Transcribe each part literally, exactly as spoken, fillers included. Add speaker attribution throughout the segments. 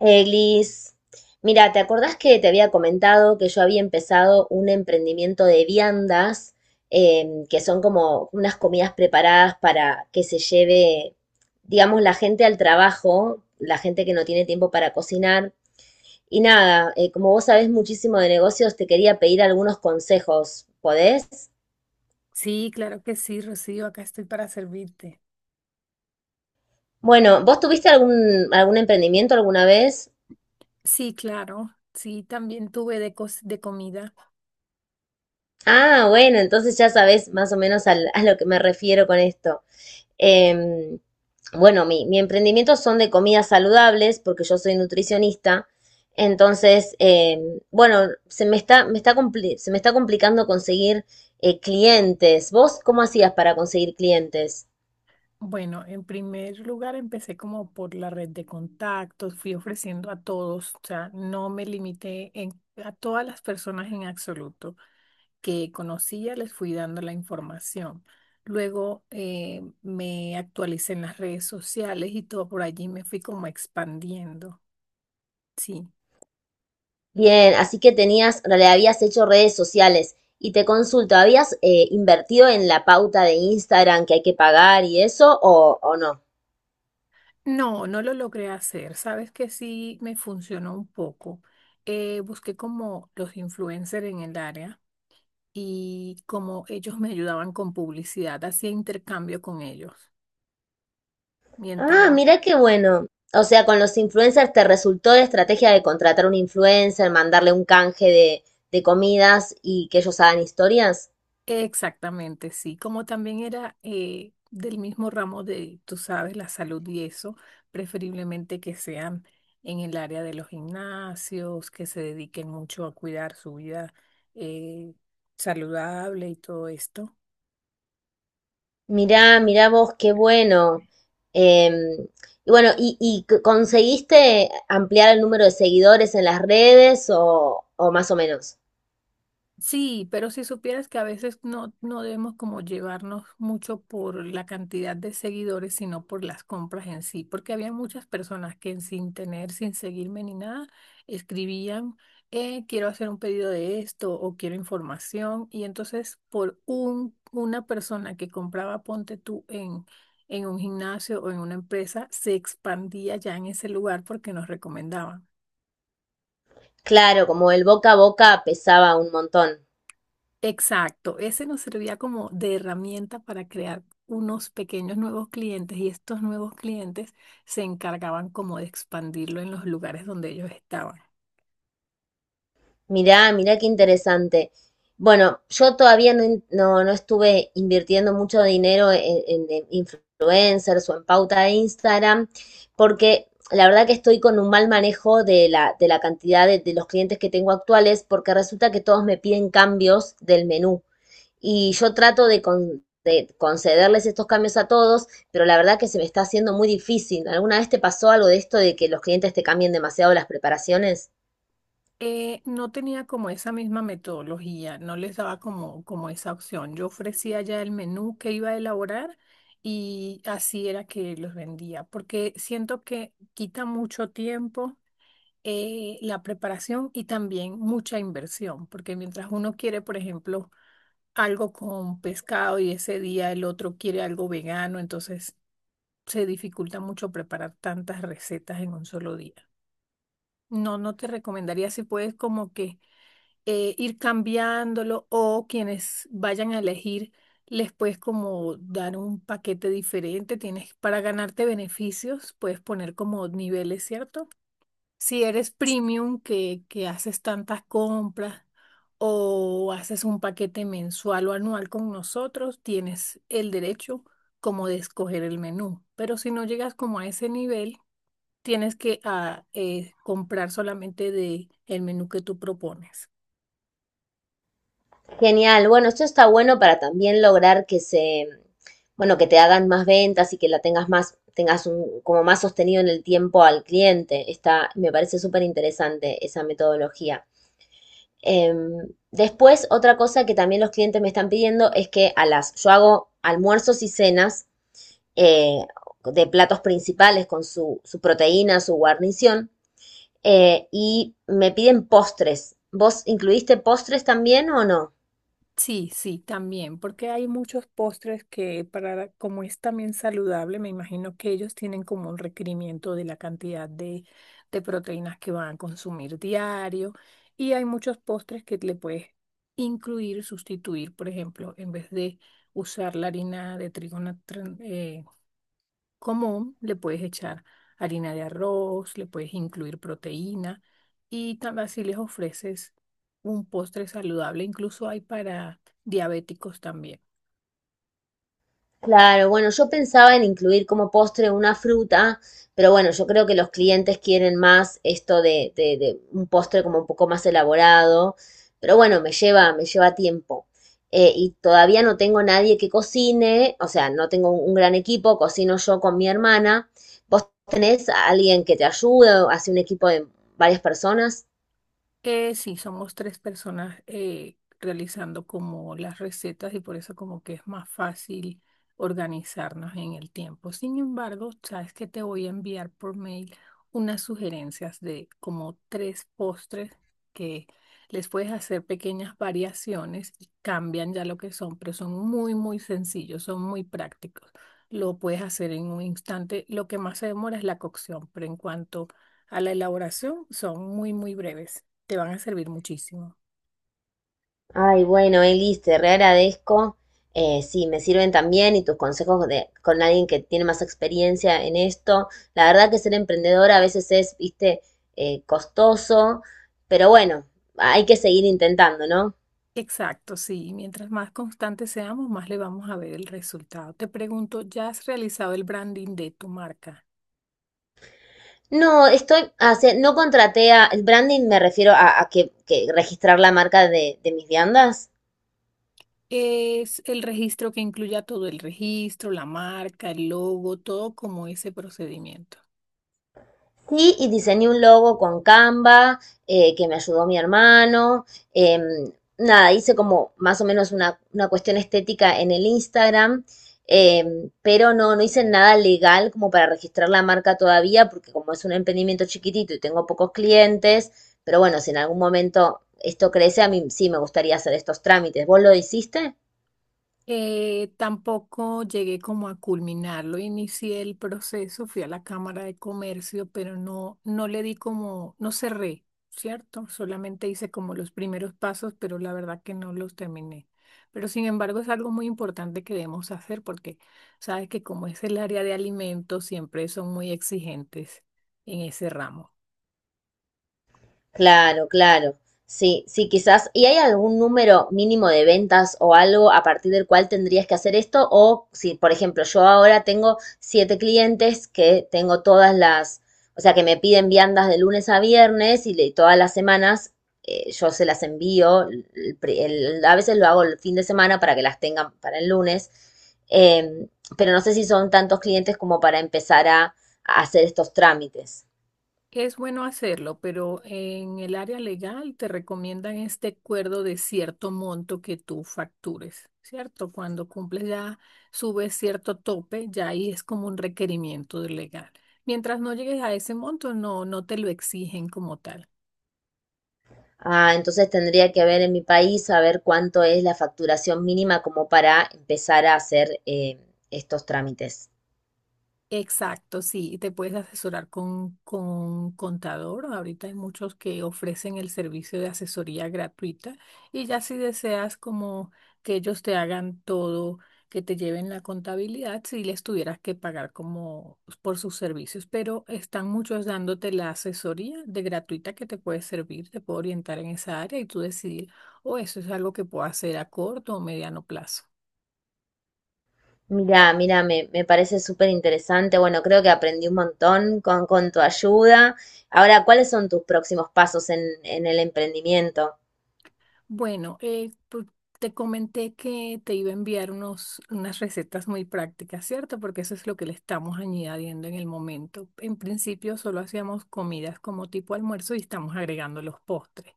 Speaker 1: Eglis, mira, ¿te acordás que te había comentado que yo había empezado un emprendimiento de viandas, em, que son como unas comidas preparadas para que se lleve, digamos, la gente al trabajo, la gente que no tiene tiempo para cocinar? Y nada, eh, como vos sabés muchísimo de negocios, te quería pedir algunos consejos, ¿podés?
Speaker 2: Sí, claro que sí, Rocío, acá estoy para servirte.
Speaker 1: Bueno, ¿vos tuviste algún, algún emprendimiento alguna vez?
Speaker 2: Sí, claro, sí, también tuve de, cos- de comida.
Speaker 1: Ah, bueno, entonces ya sabés más o menos al- a lo que me refiero con esto. Em, bueno, mi, mi emprendimiento son de comidas saludables, porque yo soy nutricionista. Entonces, em, bueno, se me está, me está compli- se me está complicando conseguir eh, clientes. ¿Vos cómo hacías para conseguir clientes?
Speaker 2: Bueno, en primer lugar empecé como por la red de contactos, fui ofreciendo a todos, o sea, no me limité en, a todas las personas en absoluto que conocía, les fui dando la información. Luego eh, me actualicé en las redes sociales y todo por allí me fui como expandiendo. Sí.
Speaker 1: Bien, así que tenías, le habías hecho redes sociales y te consulto, ¿habías eh, invertido en la pauta de Instagram que hay que pagar y eso o, o no?
Speaker 2: No, no lo logré hacer. Sabes que sí me funcionó un poco. Eh, busqué como los influencers en el área y como ellos me ayudaban con publicidad, hacía intercambio con ellos. Mientras,
Speaker 1: Ah, mira qué bueno. O sea, con los influencers te resultó la estrategia de contratar un influencer, mandarle un canje de, de comidas y que ellos hagan historias.
Speaker 2: exactamente, sí. Como también era eh, del mismo ramo de, tú sabes, la salud y eso, preferiblemente que sean en el área de los gimnasios, que se dediquen mucho a cuidar su vida eh, saludable y todo esto.
Speaker 1: Mirá, mirá vos, qué bueno. Em, y bueno, ¿y, y c- conseguiste ampliar el número de seguidores en las redes o, o más o menos?
Speaker 2: Sí, pero si supieras que a veces no, no debemos como llevarnos mucho por la cantidad de seguidores, sino por las compras en sí, porque había muchas personas que sin tener, sin seguirme ni nada, escribían, eh, quiero hacer un pedido de esto o quiero información, y entonces por un, una persona que compraba, ponte tú en, en un gimnasio o en una empresa, se expandía ya en ese lugar porque nos recomendaban.
Speaker 1: Claro, como el boca a boca pesaba un montón.
Speaker 2: Exacto, ese nos servía como de herramienta para crear unos pequeños nuevos clientes y estos nuevos clientes se encargaban como de expandirlo en los lugares donde ellos estaban.
Speaker 1: Mirá, mirá qué interesante. Bueno, yo todavía no, in- no, no estuve invirtiendo mucho dinero en, en- en influencers o en pauta de Instagram, porque la verdad que estoy con un mal manejo de la, de la cantidad de, de los clientes que tengo actuales, porque resulta que todos me piden cambios del menú y yo trato de, con- de concederles estos cambios a todos, pero la verdad que se me está haciendo muy difícil. ¿Alguna vez te pasó algo de esto de que los clientes te cambien demasiado las preparaciones?
Speaker 2: Eh, no tenía como esa misma metodología, no les daba como, como esa opción. Yo ofrecía ya el menú que iba a elaborar y así era que los vendía, porque siento que quita mucho tiempo eh, la preparación y también mucha inversión, porque mientras uno quiere, por ejemplo, algo con pescado y ese día el otro quiere algo vegano, entonces se dificulta mucho preparar tantas recetas en un solo día. No, no te recomendaría si puedes como que eh, ir cambiándolo o quienes vayan a elegir les puedes como dar un paquete diferente, tienes para ganarte beneficios, puedes poner como niveles, ¿cierto? Si eres premium, que, que haces tantas compras o haces un paquete mensual o anual con nosotros, tienes el derecho como de escoger el menú. Pero si no llegas como a ese nivel, tienes que ah, eh, comprar solamente de el menú que tú propones.
Speaker 1: Genial. Bueno, esto está bueno para también lograr que se, bueno, que te hagan más ventas y que la tengas más, tengas un, como más sostenido en el tiempo al cliente. Está, me parece súper interesante esa metodología. Em, después, otra cosa que también los clientes me están pidiendo es que a las, yo hago almuerzos y cenas eh, de platos principales con su, su proteína, su guarnición, eh, y me piden postres. ¿Vos incluiste postres también o no?
Speaker 2: Sí, sí, también, porque hay muchos postres que para, como es también saludable, me imagino que ellos tienen como un requerimiento de la cantidad de, de proteínas que van a consumir diario y hay muchos postres que le puedes incluir, sustituir, por ejemplo, en vez de usar la harina de trigo na- tran- eh, común, le puedes echar harina de arroz, le puedes incluir proteína y también así les ofreces un postre saludable. Incluso hay para diabéticos también.
Speaker 1: Claro, bueno, yo pensaba en incluir como postre una fruta, pero bueno, yo creo que los clientes quieren más esto de, de- de un postre como un poco más elaborado, pero bueno, me lleva, me lleva tiempo. Eh, y todavía no tengo nadie que cocine, o sea, no tengo un, un gran equipo, cocino yo con mi hermana. ¿Vos tenés a alguien que te ayude o hace un equipo de varias personas?
Speaker 2: Eh, sí, somos tres personas eh, realizando como las recetas y por eso como que es más fácil organizarnos en el tiempo. Sin embargo, sabes que te voy a enviar por mail unas sugerencias de como tres postres que les puedes hacer pequeñas variaciones y cambian ya lo que son, pero son muy, muy sencillos, son muy prácticos. Lo puedes hacer en un instante. Lo que más se demora es la cocción, pero en cuanto a la elaboración, son muy, muy breves. Te van a servir muchísimo.
Speaker 1: Ay, bueno, Elis, te re agradezco. Eh, sí, me sirven también y tus consejos de, con alguien que tiene más experiencia en esto. La verdad que ser emprendedora a veces es, viste, eh, costoso, pero bueno, hay que seguir intentando, ¿no?
Speaker 2: Exacto, sí. Mientras más constantes seamos, más le vamos a ver el resultado. Te pregunto, ¿ya has realizado el branding de tu marca?
Speaker 1: No, estoy, hace- no contraté a, el branding me refiero a, a que, que registrar la marca de, de mis viandas.
Speaker 2: ¿Es el registro que incluya todo el registro, la marca, el logo, todo como ese procedimiento?
Speaker 1: Sí, y diseñé un logo con Canva, eh, que me ayudó mi hermano. Em, Nada, hice como más o menos una, una cuestión estética en el Instagram, em, pero no, no hice nada legal como para registrar la marca todavía, porque como es un emprendimiento chiquitito y tengo pocos clientes, pero bueno, si en algún momento esto crece, a mí sí me gustaría hacer estos trámites. ¿Vos lo hiciste?
Speaker 2: Eh, tampoco llegué como a culminarlo, inicié el proceso, fui a la Cámara de Comercio, pero no, no le di como, no cerré, ¿cierto? Solamente hice como los primeros pasos, pero la verdad que no los terminé. Pero sin embargo es algo muy importante que debemos hacer porque sabes que como es el área de alimentos, siempre son muy exigentes en ese ramo.
Speaker 1: Claro, claro. Sí, sí, quizás. ¿Y hay algún número mínimo de ventas o algo a partir del cual tendrías que hacer esto? O si, por ejemplo, yo ahora tengo siete clientes que tengo todas las, o sea, que me piden viandas de lunes a viernes y le- todas las semanas eh, yo se las envío. el pri- el- a veces lo hago el fin de semana para que las tengan para el lunes. em, pero no sé si son tantos clientes como para empezar a a hacer estos trámites.
Speaker 2: Es bueno hacerlo, pero en el área legal te recomiendan este acuerdo de cierto monto que tú factures, ¿cierto? Cuando cumples ya, subes cierto tope, ya ahí es como un requerimiento del legal. Mientras no llegues a ese monto, no, no te lo exigen como tal.
Speaker 1: Ah, entonces tendría que ver en mi país a ver cuánto es la facturación mínima como para empezar a hacer eh, estos trámites.
Speaker 2: Exacto, sí, te puedes asesorar con, con un contador. Ahorita hay muchos que ofrecen el servicio de asesoría gratuita y ya si deseas como que ellos te hagan todo, que te lleven la contabilidad, si les tuvieras que pagar como por sus servicios, pero están muchos dándote la asesoría de gratuita que te puede servir, te puede orientar en esa área y tú decidir, o eso es algo que puedo hacer a corto o mediano plazo.
Speaker 1: Mira, mira, me, me parece súper interesante. Bueno, creo que aprendí un montón con, con tu ayuda. Ahora, ¿cuáles son tus próximos pasos en, en el emprendimiento?
Speaker 2: Bueno, eh, pu- te comenté que te iba a enviar unos, unas recetas muy prácticas, ¿cierto? Porque eso es lo que le estamos añadiendo en el momento. En principio solo hacíamos comidas como tipo almuerzo y estamos agregando los postres.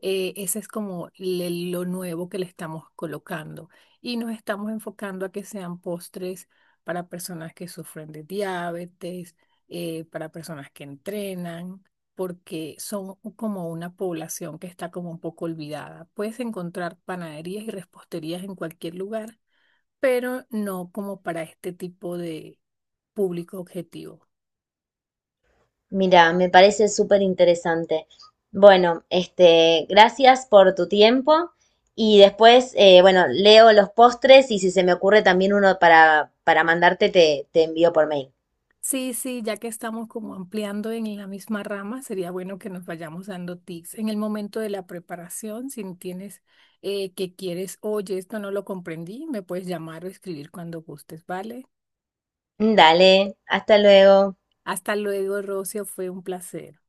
Speaker 2: Eh, ese es como le- lo nuevo que le estamos colocando. Y nos estamos enfocando a que sean postres para personas que sufren de diabetes, eh, para personas que entrenan, porque son como una población que está como un poco olvidada. Puedes encontrar panaderías y reposterías en cualquier lugar, pero no como para este tipo de público objetivo.
Speaker 1: Mira, me parece súper interesante. Bueno, este, gracias por tu tiempo y después, eh, bueno, leo los postres y si se me ocurre también uno para, para mandarte, te, te envío por mail.
Speaker 2: Sí, sí, ya que estamos como ampliando en la misma rama, sería bueno que nos vayamos dando tips. En el momento de la preparación, si no tienes eh, que quieres, oye, esto no lo comprendí, me puedes llamar o escribir cuando gustes, ¿vale?
Speaker 1: Dale, hasta luego.
Speaker 2: Hasta luego, Rocio, fue un placer.